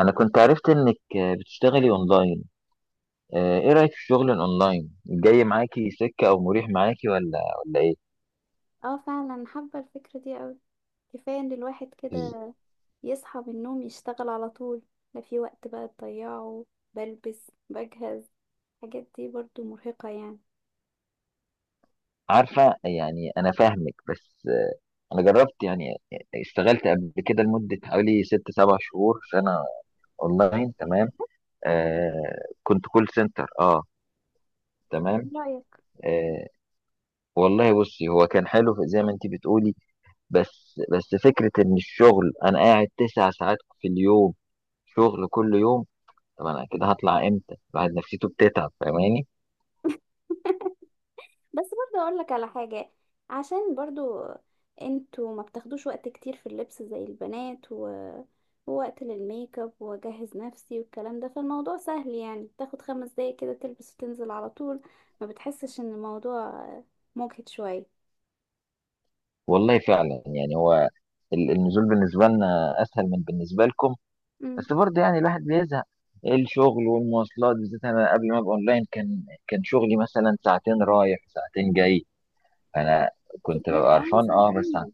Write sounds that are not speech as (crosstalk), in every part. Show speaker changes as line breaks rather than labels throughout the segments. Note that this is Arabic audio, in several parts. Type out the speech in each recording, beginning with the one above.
انا كنت عرفت انك بتشتغلي اونلاين. ايه رايك في الشغل الاونلاين؟ جاي معاكي سكه او مريح معاكي ولا ايه؟
اه فعلا حابة الفكرة دي اوي. كفاية ان الواحد
بز-
كده يصحى من النوم يشتغل على طول، لا في وقت بقى تضيعه، بلبس بجهز، الحاجات دي برضو مرهقة يعني.
عارفه، يعني انا فاهمك، بس انا جربت، يعني اشتغلت قبل كده لمده حوالي ست سبع شهور سنه اونلاين، تمام. آه، كنت كول سنتر، اه،
ايه
تمام.
رأيك؟
آه، والله بصي، هو كان حلو زي ما انت بتقولي، بس فكره ان الشغل انا قاعد تسع ساعات في اليوم، شغل كل يوم. طب انا كده هطلع امتى؟ الواحد نفسيته بتتعب، فاهماني؟
(laughs) بس برضو اقول لك على حاجة، عشان برضو انتوا ما بتاخدوش وقت كتير في اللبس زي البنات ووقت للميك اب واجهز نفسي والكلام ده، فالموضوع سهل يعني، تاخد 5 دقايق كده تلبس وتنزل على طول، ما بتحسش ان الموضوع مجهد شوية؟
والله فعلا، يعني هو النزول بالنسبه لنا اسهل من بالنسبه لكم، بس برضه يعني الواحد بيزهق الشغل والمواصلات، بالذات انا قبل ما ابقى اونلاين كان شغلي مثلا ساعتين رايح ساعتين جاي. انا كنت
كتير
ببقى
قوي
قرفان، اه،
ساعتين.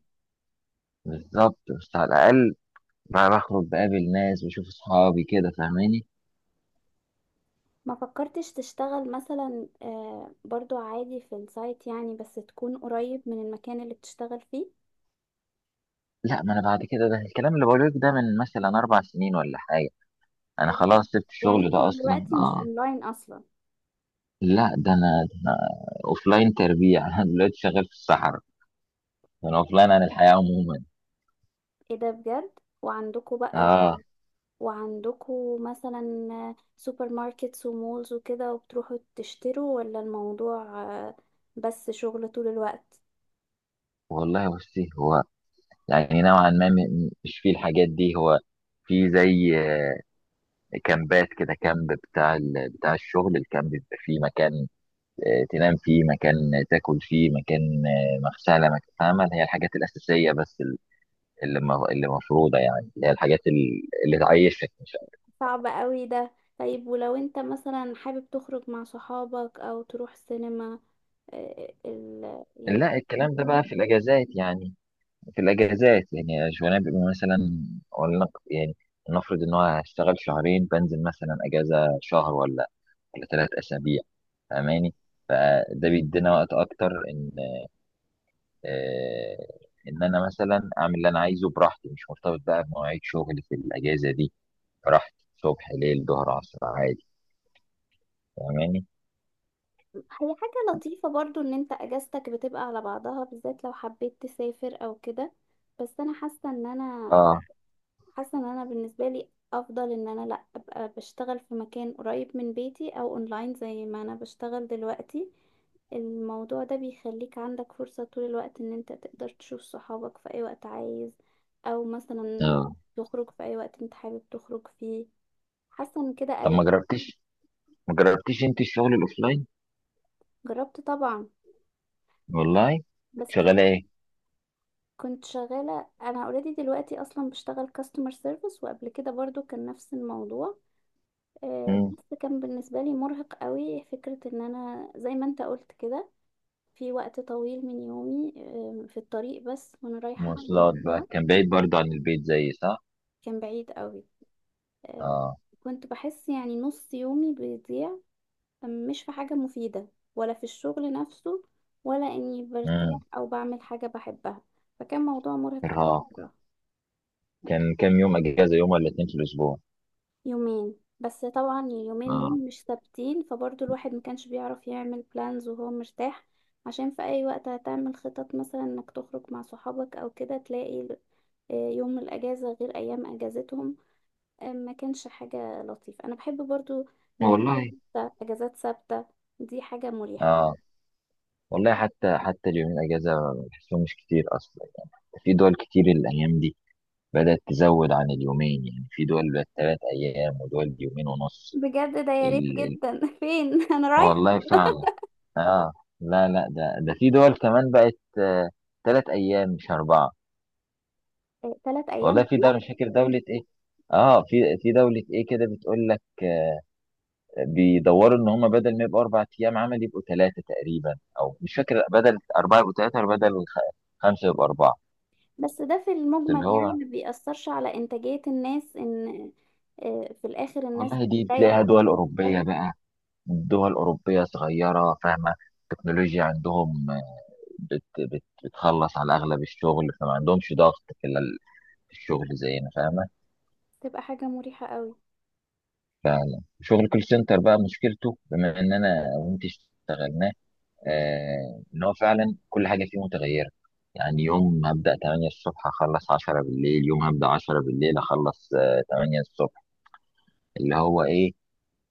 بالظبط، بس على الاقل بقى بخرج، بقابل ناس، بشوف اصحابي كده، فاهماني؟
ما فكرتش تشتغل مثلا برضو عادي في السايت يعني، بس تكون قريب من المكان اللي بتشتغل فيه؟
لا، ما انا بعد كده، ده الكلام اللي بقوله لك ده من مثلا اربع سنين ولا حاجه. انا
أو
خلاص سبت
يعني
الشغل
انت
ده اصلا،
دلوقتي مش
اه.
اونلاين اصلا؟
لا، ده انا اوف لاين تربيع (laughs) انا دلوقتي شغال في الصحراء، انا اوف لاين عن الحياه عموما.
ايه ده بجد! وعندكوا بقى،
اه.
وعندكوا مثلا سوبر ماركتس ومولز وكده وبتروحوا تشتروا، ولا الموضوع بس شغل طول الوقت؟
والله بصي، هو يعني نوعا ما مش فيه الحاجات دي. هو في زي كامبات كده. كامب بتاع بتاع الشغل. الكامب بيبقى فيه مكان تنام فيه، مكان تاكل فيه، مكان مغسله، مكان، فاهمه؟ اللي هي الحاجات الاساسيه، بس اللي مفروضه، يعني اللي هي الحاجات اللي تعيشك، مش
صعب قوي ده. طيب ولو انت مثلا حابب تخرج مع صحابك او تروح سينما يعني؟
لا، الكلام ده بقى في الاجازات. يعني في الاجازات، يعني شغلانه بيبقى مثلا، ولا يعني، نفرض ان هو هشتغل شهرين بنزل مثلا اجازه شهر، ولا ثلاث اسابيع، فاهماني؟ فده بيدينا وقت اكتر ان آه، ان انا مثلا اعمل اللي انا عايزه براحتي، مش مرتبط بقى بمواعيد شغل في الاجازه دي. براحتي، صبح، ليل، ظهر، عصر، عادي، فاهماني؟
هي حاجة لطيفة برضو ان انت اجازتك بتبقى على بعضها، بالذات لو حبيت تسافر او كده، بس انا حاسة ان انا
اه.
حاسه ان انا بالنسبه لي افضل ان انا لا ابقى بشتغل في مكان قريب من بيتي او اونلاين زي ما انا بشتغل دلوقتي. الموضوع ده بيخليك عندك فرصه طول الوقت ان انت تقدر تشوف صحابك في اي وقت عايز، او مثلا
اه.
تخرج في اي وقت انت حابب تخرج فيه، حاسه ان كده
طب
قريب.
ما جربتيش انت الشغل الاوفلاين؟
جربت طبعا.
والله. كنت
بس بصراحه
شغاله؟
كنت شغاله، انا اوريدي دلوقتي اصلا بشتغل كاستمر سيرفيس، وقبل كده برضو كان نفس الموضوع،
ايه.
بس كان بالنسبة لي مرهق قوي فكرة ان انا زي ما انت قلت كده في وقت طويل من يومي في الطريق بس، وانا رايحة وانا
مواصلات بقى،
راجعة.
كان بعيد برضه عن البيت زي، صح؟
كان بعيد قوي. آه،
اه.
كنت بحس يعني نص يومي بيضيع، مش في حاجة مفيدة، ولا في الشغل نفسه، ولا اني برتاح
امم.
او بعمل حاجة بحبها، فكان موضوع مرهق
ارهاق.
قوي.
كان كام يوم اجازة؟ يوم ولا اتنين في الاسبوع؟
يومين بس، طبعا اليومين دول
اه.
مش ثابتين، فبرضه الواحد ما كانش بيعرف يعمل بلانز وهو مرتاح، عشان في اي وقت هتعمل خطط مثلا انك تخرج مع صحابك او كده تلاقي يوم الاجازة غير ايام اجازتهم. ما كانش حاجة لطيفة، انا بحب برضه مواعيد
والله.
ثابتة، اجازات ثابتة، دي حاجة مريحة.
اه، والله حتى اليومين اجازة بحسهم مش كتير اصلا. في دول كتير الايام دي بدأت تزود عن اليومين، يعني في دول بقت تلات ايام ودول يومين ونص.
بجد؟ ده يا ريت
ال... ال...
جدا. (laughs) فين انا رايح؟
والله فعلا، اه. لا ده في دول كمان بقت آه تلات ايام مش اربعة.
3 ايام
والله في دولة، مش فاكر دولة ايه، اه، في دولة ايه كده بتقول لك بيدوروا ان هم بدل ما يبقوا اربع ايام عمل يبقوا ثلاثه تقريبا، او مش فاكر، بدل اربعه يبقوا ثلاثه، خمسه يبقوا اربعه.
بس، ده في
اللي
المجمل يعني
هو،
ما بيأثرش على إنتاجية الناس، إن في الآخر الناس
والله دي
بتريح
تلاقيها
أكتر
دول
ما
اوروبيه
بتشتغل.
بقى. دول اوروبيه صغيره، فاهمه؟ التكنولوجيا عندهم بت بت بتخلص على اغلب الشغل، فما عندهمش ضغط في في الشغل زينا، فاهمه؟
تبقى حاجة مريحة قوي.
فشغل كول سنتر بقى مشكلته، بما ان انا وانت اشتغلنا، ان هو فعلا كل حاجه فيه متغيره. يعني يوم هبدا 8 الصبح اخلص 10 بالليل، يوم هبدا 10 بالليل اخلص 8 الصبح. اللي هو ايه،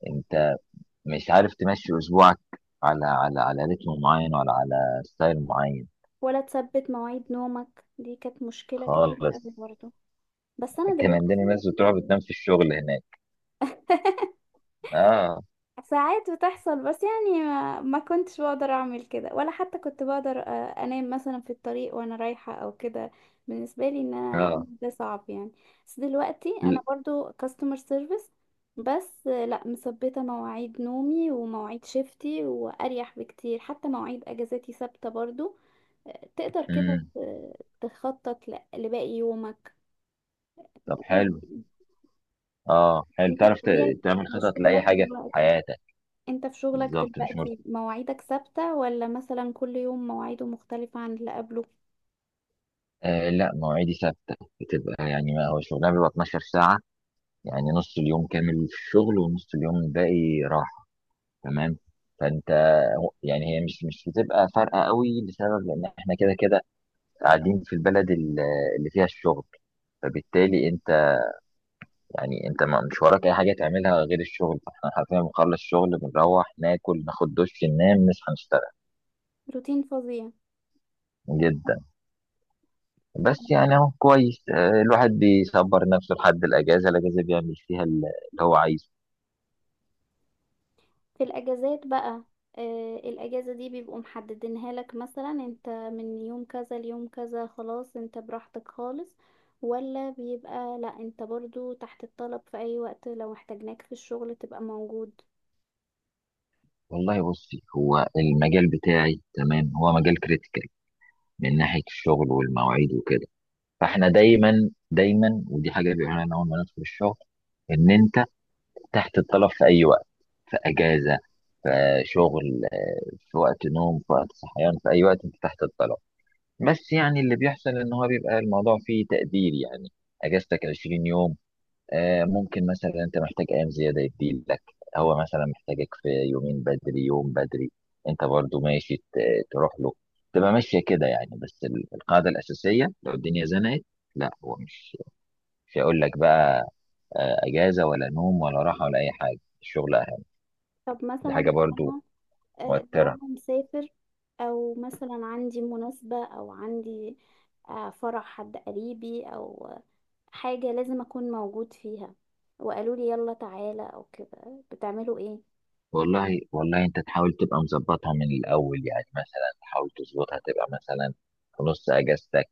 انت مش عارف تمشي اسبوعك على على رتم معين ولا على ستايل معين
ولا تثبت مواعيد نومك، دي كانت مشكلة كبيرة
خالص.
قوي برضه، بس أنا
كان عندنا
دلوقتي...
ناس بتروح بتنام في الشغل هناك.
(laughs)
اه.
ساعات بتحصل، بس يعني ما كنتش بقدر اعمل كده، ولا حتى كنت بقدر انام مثلا في الطريق وانا رايحة او كده، بالنسبة لي ان انا اعمل
اه.
ده صعب يعني. بس دلوقتي انا
ل-
برضو كاستمر سيرفيس، بس لا، مثبتة مواعيد نومي ومواعيد شيفتي، واريح بكتير، حتى مواعيد اجازاتي ثابتة برضو، تقدر كده
مم.
تخطط لباقي يومك.
طب
لازم.
حلو. اه، حلو
انت
تعرف
بطبيعة
تعمل خطط لاي
شغلك
حاجه في
دلوقتي،
حياتك.
انت في شغلك
بالظبط. مش
دلوقتي مواعيدك ثابتة ولا مثلا كل يوم مواعيده مختلفة عن اللي قبله؟
آه لا مواعيدي ثابتة، بتبقى يعني، ما هو شغلها بيبقى 12 ساعة، يعني نص اليوم كامل في الشغل ونص اليوم الباقي راحة، تمام. فأنت، يعني هي مش بتبقى فارقة قوي لسبب، لأن احنا كده كده قاعدين في البلد اللي فيها الشغل، فبالتالي أنت يعني أنت مش وراك أي حاجة تعملها غير الشغل. فاحنا حرفيا بنخلص شغل بنروح ناكل، ناخد دش، ننام، نصحى، نشتغل.
روتين فظيع.
جدا. بس يعني أهو كويس، الواحد بيصبر نفسه لحد الأجازة، الأجازة بيعمل فيها اللي هو عايزه.
في الاجازات بقى، آه الاجازة دي بيبقوا محددينها لك، مثلا انت من يوم كذا ليوم كذا خلاص انت براحتك خالص، ولا بيبقى لا، انت برضو تحت الطلب في اي وقت، لو احتاجناك في الشغل تبقى موجود؟
والله بصي، هو المجال بتاعي، تمام، هو مجال كريتيكال من ناحية الشغل والمواعيد وكده. فاحنا دايما دايما، ودي حاجة بيقولها لنا أول ما ندخل الشغل، إن أنت تحت الطلب في أي وقت: في أجازة، في شغل، في وقت نوم، في وقت صحيان، في أي وقت أنت تحت الطلب. بس يعني اللي بيحصل إن هو بيبقى الموضوع فيه تقدير، يعني أجازتك 20 يوم، ممكن مثلا انت محتاج ايام زياده يديلك، هو مثلا محتاجك في يومين بدري، يوم بدري، انت برضو ماشي تروح له، تبقى ماشيه كده. يعني بس القاعده الاساسيه لو الدنيا زنقت، لا هو مش هيقول لك بقى اجازه ولا نوم ولا راحه ولا اي حاجه، الشغل اهم.
طب
دي
مثلا
حاجه
لو
برضو
انا آه لو
مؤثره.
انا مسافر، او مثلا عندي مناسبة، او عندي فرح حد قريبي، او حاجة لازم أكون موجود فيها، وقالوا لي يلا تعالى أو كده، بتعملوا إيه؟
والله انت تحاول تبقى مظبطها من الاول، يعني مثلا تحاول تظبطها تبقى مثلا في نص اجازتك،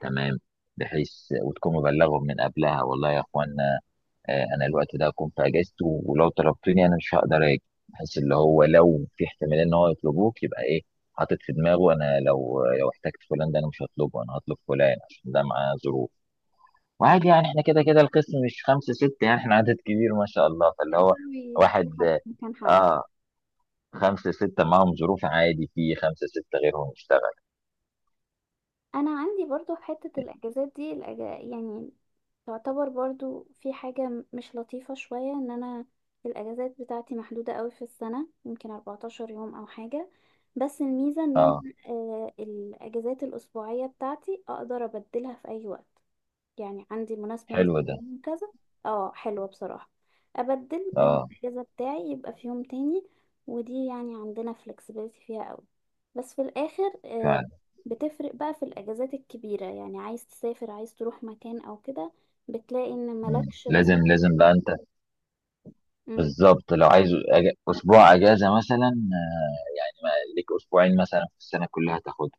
تمام، بحيث، وتكون مبلغهم من قبلها، والله يا اخوانا، انا الوقت ده هكون في اجازتي ولو طلبتوني انا مش هقدر اجي، بحيث اللي هو لو في احتماليه ان هو يطلبوك، يبقى ايه، حاطط في دماغه انا لو احتجت فلان ده انا مش هطلبه، انا هطلب فلان عشان ده معاه ظروف. وعادي، يعني احنا كده كده القسم مش خمسه سته، يعني احنا عدد كبير ما شاء الله، فاللي هو
يقدروا يجيبوا حد
واحد،
مكان حد.
اه، خمسة ستة معاهم ظروف عادي في خمسة ستة غيرهم يشتغل.
أنا عندي برضو في حتة الأجازات دي يعني تعتبر برضو في حاجة مش لطيفة شوية، إن أنا الأجازات بتاعتي محدودة قوي في السنة، يمكن 14 يوم أو حاجة، بس الميزة إن أنا
اه،
الأجازات الأسبوعية بتاعتي أقدر أبدلها في أي وقت، يعني عندي مناسبة مثلا
حلو ده.
يوم كذا. اه حلوة بصراحة. أبدل يوم
اه
الأجازة بتاعي يبقى في يوم تاني، ودي يعني عندنا flexibility فيها قوي، بس في الآخر
فعلا.
بتفرق بقى في الأجازات الكبيرة، يعني عايز تسافر، عايز تروح مكان أو كده، بتلاقي إن
مم.
ملكش رس.
لازم، بقى انت
مم.
بالظبط لو عايز أج... اسبوع اجازة مثلا، يعني ما ليك اسبوعين مثلا في السنة كلها تاخدها،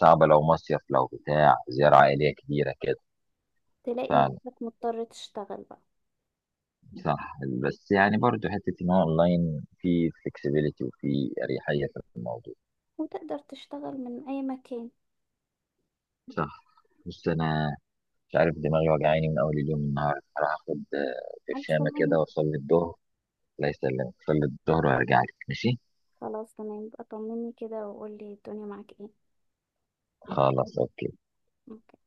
صعبة لو مصيف، لو بتاع زيارة عائلية كبيرة كده.
تلاقي
فعلا،
نفسك مضطر تشتغل بقى.
صح. بس يعني برضو حتة ان هو اونلاين في فلكسبيليتي وفي اريحية في الموضوع.
وتقدر تشتغل من أي مكان.
صح. بص، انا مش عارف دماغي وجعاني من اول اليوم النهارده، هروح اخد
ألف
برشامة
سلامة.
كده واصلي الظهر. الله يسلمك، صلي الظهر وارجع لك ماشي.
خلاص تمام بقى، طمني كده وقولي الدنيا معاك ايه.
خلاص اوكي.
أوكي.